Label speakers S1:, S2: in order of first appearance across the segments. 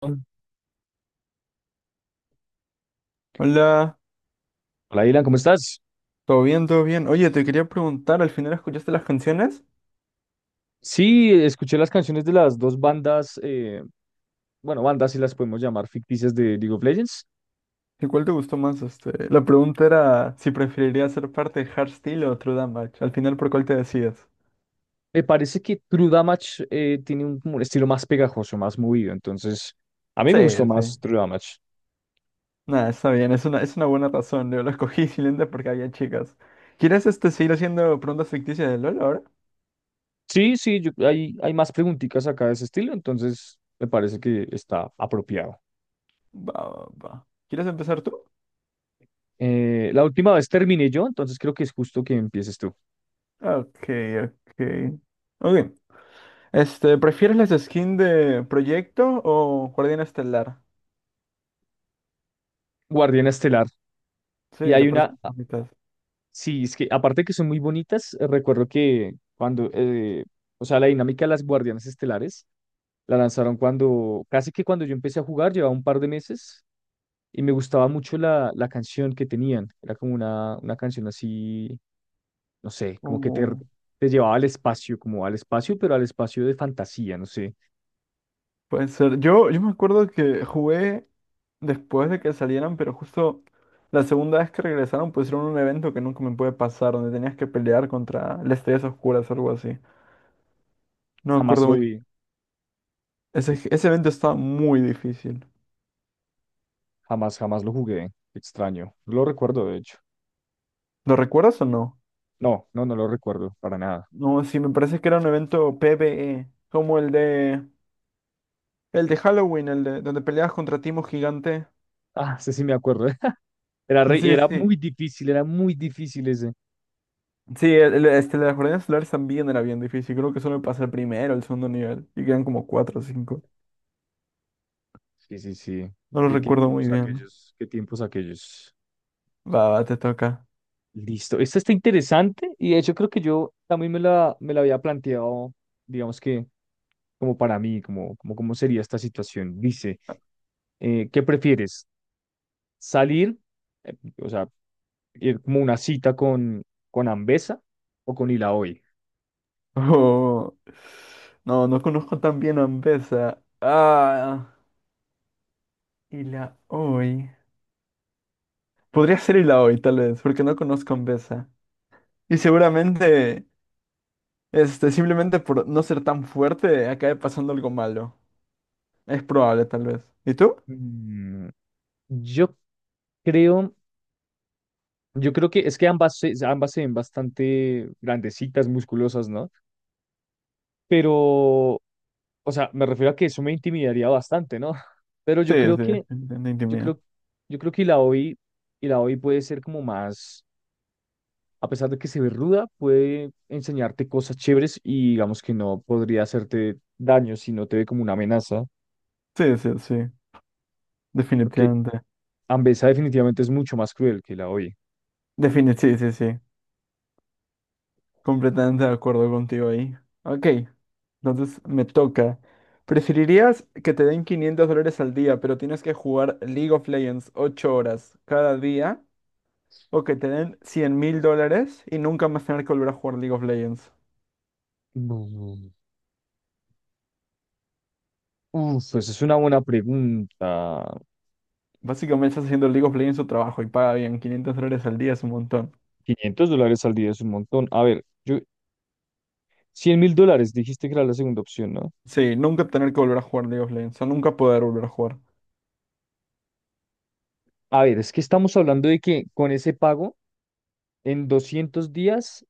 S1: Hola,
S2: Hola,
S1: Dylan, ¿cómo estás?
S2: ¿todo bien? ¿Todo bien? Oye, te quería preguntar, ¿al final escuchaste las canciones?
S1: Sí, escuché las canciones de las dos bandas, bueno, bandas si las podemos llamar ficticias de League of Legends.
S2: ¿Y cuál te gustó más? La pregunta era si preferirías ser parte de Hardstyle o True Damage. Al final, ¿por cuál te decides?
S1: Me parece que True Damage tiene un, como un estilo más pegajoso, más movido, entonces a mí
S2: Sí,
S1: me gustó
S2: sí.
S1: más True Damage.
S2: Nada, está bien, es una buena razón. Yo lo escogí simplemente porque había chicas. ¿Quieres seguir haciendo preguntas ficticias de LOL ahora?
S1: Sí, sí, hay, hay más preguntitas acá de ese estilo, entonces me parece que está apropiado.
S2: Va, va, va. ¿Quieres empezar tú?
S1: La última vez terminé yo, entonces creo que es justo que empieces tú.
S2: Ok, ok. Ok. ¿Prefieres las skins de Proyecto o Guardián Estelar?
S1: Guardiana Estelar. Y
S2: Sí, te
S1: hay una.
S2: parecen bonitas.
S1: Sí, es que aparte que son muy bonitas, recuerdo que cuando, o sea, la dinámica de las guardianes estelares la lanzaron cuando, casi que cuando yo empecé a jugar, llevaba un par de meses y me gustaba mucho la, la canción que tenían. Era como una canción así, no sé, como que
S2: Uh,
S1: te llevaba al espacio, como al espacio, pero al espacio de fantasía, no sé.
S2: Puede ser. Yo me acuerdo que jugué después de que salieran, pero justo la segunda vez que regresaron pusieron un evento que nunca me puede pasar, donde tenías que pelear contra las estrellas oscuras o algo así. No me
S1: Jamás
S2: acuerdo
S1: lo
S2: muy.
S1: vi,
S2: Ese evento estaba muy difícil.
S1: jamás, jamás lo jugué. Extraño. No lo recuerdo, de hecho.
S2: ¿Lo recuerdas o no?
S1: No, no, no lo recuerdo para nada.
S2: No, sí, me parece que era un evento PvE, como el de Halloween, el de donde peleabas contra Timo Gigante.
S1: Ah, sí, sí me acuerdo. Era,
S2: Sí, sí.
S1: era muy difícil ese.
S2: Sí, las jornadas solares también era bien difícil. Creo que solo me pasé el primero, el segundo nivel. Y quedan como cuatro o cinco.
S1: Sí, sí, sí.
S2: No lo
S1: ¿Qué, qué
S2: recuerdo muy
S1: tiempos
S2: bien.
S1: aquellos? ¿Qué tiempos aquellos?
S2: Va, va, te toca.
S1: Listo. Esta está interesante y de hecho creo que yo también me la había planteado, digamos que como para mí, como, como cómo sería esta situación. Dice, ¿qué prefieres? ¿Salir, eh, o sea, ir como una cita con Ambesa o con Ilaoi?
S2: Oh, no, no conozco tan bien a Ambesa. Ah, y la hoy. Podría ser y la hoy, tal vez, porque no conozco a Ambesa. Y seguramente, simplemente por no ser tan fuerte, acabe pasando algo malo. Es probable, tal vez. ¿Y tú?
S1: Mm, yo creo... Yo creo que es que ambas, ambas se ven bastante grandecitas, musculosas, ¿no? Pero, o sea, me refiero a que eso me intimidaría bastante, ¿no? Pero
S2: Sí, sí, definitivamente
S1: yo
S2: intimidad.
S1: creo, yo creo que la OI, y la OI puede ser como más, a pesar de que se ve ruda, puede enseñarte cosas chéveres y digamos que no podría hacerte daño si no te ve como una amenaza,
S2: Sí, sí, sí,
S1: porque
S2: definitivamente.
S1: Ambesa definitivamente es mucho más cruel que la OI.
S2: Define, sí, sí, sí. Completamente de acuerdo contigo ahí. Ok, entonces me toca. ¿Preferirías que te den $500 al día, pero tienes que jugar League of Legends 8 horas cada día? ¿O que te den $100,000 y nunca más tener que volver a jugar League of Legends?
S1: Mm. Uf, pues es una buena pregunta.
S2: Básicamente estás haciendo League of Legends su trabajo y paga bien. $500 al día es un montón.
S1: $500 al día es un montón. A ver, yo, $100,000 dijiste que era la segunda opción, ¿no?
S2: Sí, nunca tener que volver a jugar League of Legends. O nunca poder volver a jugar.
S1: A ver, es que estamos hablando de que con ese pago, en 200 días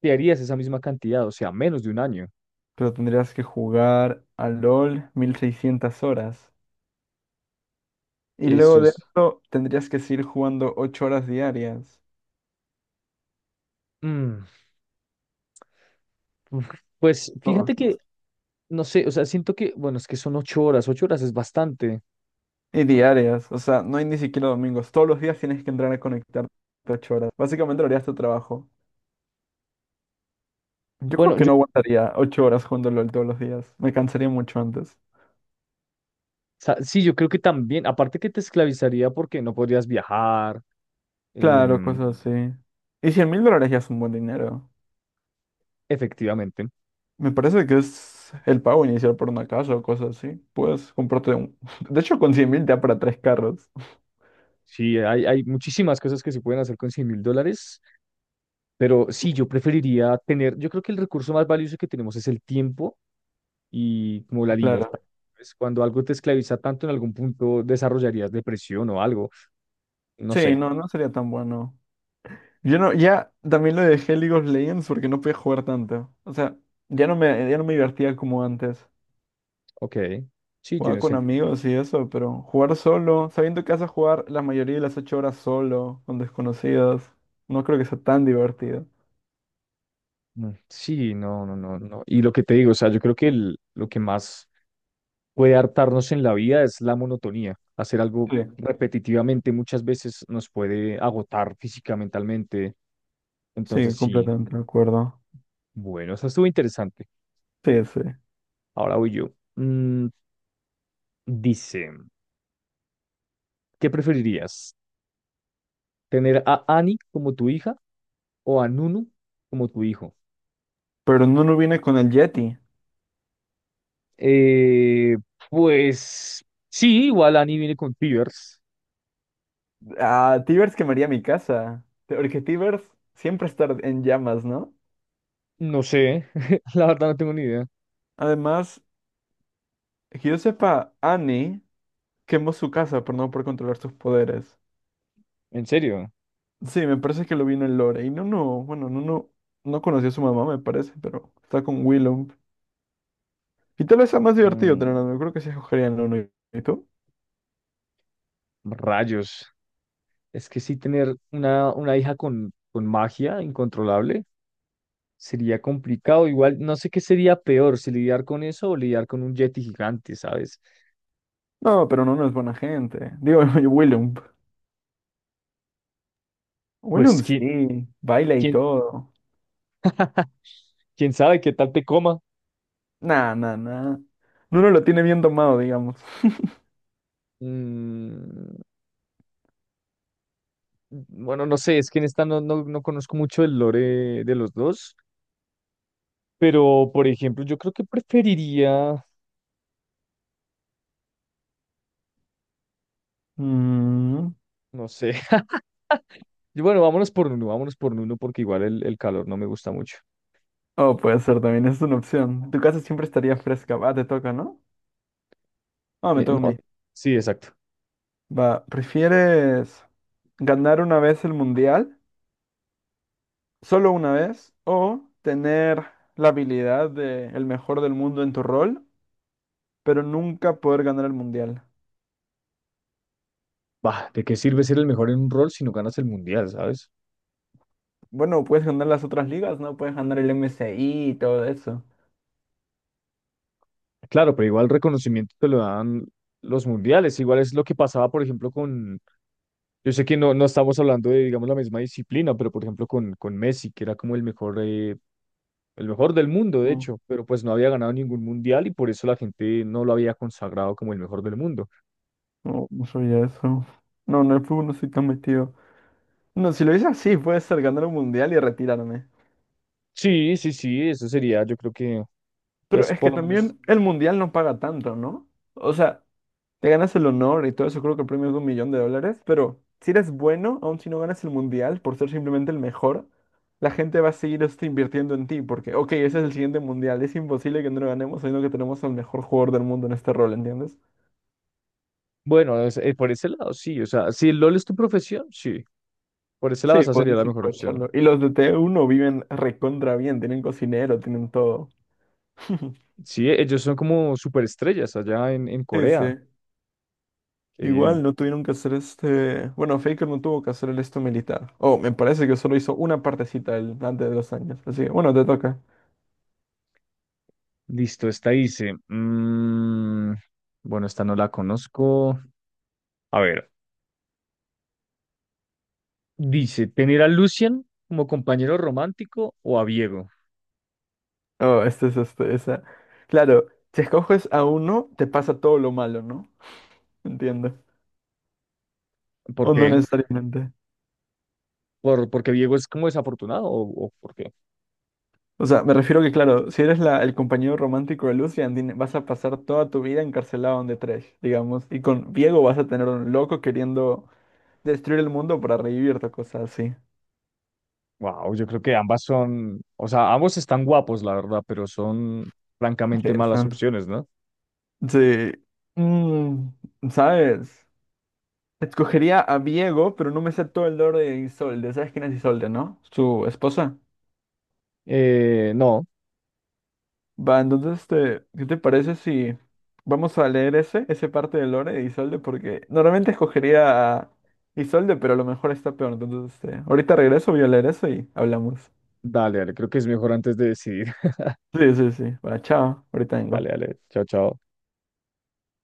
S1: te harías esa misma cantidad, o sea, menos de un año.
S2: Pero tendrías que jugar a LOL 1,600 horas. Y
S1: Eso
S2: luego de
S1: es...
S2: eso tendrías que seguir jugando 8 horas diarias.
S1: mm, uf. Pues
S2: Todos
S1: fíjate que,
S2: los-
S1: no sé, o sea, siento que, bueno, es que son 8 horas, 8 horas es bastante.
S2: Y diarias. O sea, no hay ni siquiera domingos. Todos los días tienes que entrar a conectarte 8 horas. Básicamente lo harías tu trabajo. Yo creo
S1: Bueno,
S2: que
S1: yo,
S2: no
S1: o
S2: aguantaría 8 horas jugando LOL todos los días. Me cansaría mucho antes.
S1: sí, yo creo que también, aparte que te esclavizaría porque no podrías viajar,
S2: Claro,
S1: em,
S2: cosas así. Y $100,000 ya es un buen dinero.
S1: efectivamente.
S2: Me parece que es el pago inicial por una casa o cosas así. Puedes comprarte un... De hecho, con 100,000 te da para 3 carros.
S1: Sí, hay muchísimas cosas que se pueden hacer con $100,000. Pero sí, yo preferiría tener, yo creo que el recurso más valioso que tenemos es el tiempo y como la libertad.
S2: Claro.
S1: Pues cuando algo te esclaviza tanto, en algún punto desarrollarías depresión o algo. No
S2: Sí,
S1: sé.
S2: no, no sería tan bueno. Yo no, ya también lo dejé League of Legends porque no podía jugar tanto. O sea, ya no me divertía como antes.
S1: Ok. Sí,
S2: Jugaba
S1: tiene
S2: con
S1: sentido.
S2: amigos y eso, pero jugar solo, sabiendo que vas a jugar la mayoría de las 8 horas solo, con desconocidos, no creo que sea tan divertido.
S1: Mm. Sí, no, no, no, no. Y lo que te digo, o sea, yo creo que lo que más puede hartarnos en la vida es la monotonía. Hacer algo
S2: Sí,
S1: repetitivamente muchas veces nos puede agotar física, mentalmente.
S2: sí,
S1: Entonces, sí.
S2: completamente de acuerdo.
S1: Bueno, eso estuvo interesante.
S2: Sí, sí.
S1: Ahora voy yo. Mm, Dice, ¿qué preferirías? ¿Tener a Annie como tu hija o a Nunu como tu hijo?
S2: Pero no, no viene con el Yeti.
S1: Eh, pues sí, igual Annie viene con fevers.
S2: Ah, Tibers quemaría mi casa. Porque Tibers siempre está en llamas, ¿no?
S1: No sé, la verdad no tengo ni idea.
S2: Además, que yo sepa, Annie quemó su casa por no poder controlar sus poderes.
S1: En serio.
S2: Sí, me parece que lo vi en el lore. Y no, no, bueno, no, no, no conoció a su mamá, me parece, pero está con Willow. Y tal vez sea más divertido
S1: Mm,
S2: tener. Yo creo que sí escogería. No. ¿Y tú?
S1: rayos. Es que sí, tener una hija con magia incontrolable sería complicado. Igual no sé qué sería peor, si lidiar con eso o lidiar con un yeti gigante, ¿sabes?
S2: No, pero no, no es buena gente. Digo, Willow. Willow
S1: Pues quién,
S2: sí, baila y
S1: quién,
S2: todo.
S1: quién sabe qué tal te coma.
S2: Nah, nah, nah. Uno lo tiene bien tomado, digamos.
S1: Mm, Bueno, no sé, es que en esta no, no, no conozco mucho el lore de los dos, pero por ejemplo, yo creo que preferiría,
S2: Mm.
S1: no sé. Yo, bueno, vámonos por Nuno porque igual el calor no me gusta mucho.
S2: Oh, puede ser también, es una opción. Tu casa siempre estaría fresca. Va, te toca, ¿no? Ah, me toca a mí.
S1: No, sí, exacto.
S2: Va, ¿prefieres ganar una vez el mundial? Solo una vez o tener la habilidad de el mejor del mundo en tu rol, pero nunca poder ganar el mundial.
S1: Bah, ¿de qué sirve ser el mejor en un rol si no ganas el mundial, sabes?
S2: Bueno, puedes ganar las otras ligas, ¿no? Puedes ganar el MSI y todo eso.
S1: Claro, pero igual reconocimiento te lo dan los mundiales. Igual es lo que pasaba, por ejemplo, con. Yo sé que no, no estamos hablando de, digamos, la misma disciplina, pero por ejemplo con Messi, que era como el mejor del mundo, de
S2: No,
S1: hecho, pero pues no había ganado ningún mundial y por eso la gente no lo había consagrado como el mejor del mundo.
S2: no, no sabía eso. No, no, el fútbol no estoy tan metido. No, si lo hice así, puede ser ganar un mundial y retirarme.
S1: Sí, sí, sí, eso sería, yo creo que,
S2: Pero
S1: pues
S2: es
S1: por
S2: que
S1: lo menos,
S2: también el mundial no paga tanto, ¿no? O sea, te ganas el honor y todo eso, creo que el premio es de $1,000,000, pero si eres bueno, aun si no ganas el mundial por ser simplemente el mejor, la gente va a seguir invirtiendo en ti, porque, ok, ese es el siguiente mundial, es imposible que no lo ganemos, sino que tenemos al mejor jugador del mundo en este rol, ¿entiendes?
S1: bueno, por ese lado, sí, o sea, si el LOL es tu profesión, sí, por ese lado
S2: Sí,
S1: esa sería
S2: podrías
S1: la mejor opción.
S2: aprovecharlo. Y los de T1 viven recontra bien, tienen cocinero, tienen todo.
S1: Sí, ellos son como superestrellas allá en
S2: Sí,
S1: Corea,
S2: sí.
S1: qué bien.
S2: Igual no tuvieron que hacer Bueno, Faker no tuvo que hacer el esto militar. Oh, me parece que solo hizo una partecita el... antes de los años. Así que, bueno, te toca.
S1: Listo, esta dice, bueno, esta no la conozco. A ver. Dice, ¿tener a Lucian como compañero romántico o a Diego?
S2: Oh, este es esa. Claro, si escoges a uno, te pasa todo lo malo, ¿no? Entiendo. O
S1: ¿Por
S2: no
S1: qué?
S2: necesariamente.
S1: ¿Por, porque Diego es como desafortunado o por qué?
S2: O sea, me refiero que, claro, si eres el compañero romántico de Lucian, vas a pasar toda tu vida encarcelado en The Trash, digamos. Y con Diego vas a tener un loco queriendo destruir el mundo para revivirte, cosas así.
S1: Wow, yo creo que ambas son, o sea, ambos están guapos, la verdad, pero son
S2: Sí,
S1: francamente malas
S2: están-
S1: opciones, ¿no?
S2: Sí. Mm, ¿sabes? Escogería a Diego, pero no me sé todo el lore de Isolde. ¿Sabes quién es Isolde, no? Su esposa.
S1: No,
S2: Va, entonces, ¿qué te parece si vamos a leer ese parte de Lore de Isolde? Porque normalmente escogería a Isolde, pero a lo mejor está peor. Entonces, ahorita regreso, voy a leer eso y hablamos.
S1: dale, dale, creo que es mejor antes de decidir.
S2: Sí, sí, sí. Va, chao. Ahorita vengo.
S1: Dale, dale, chao, chao.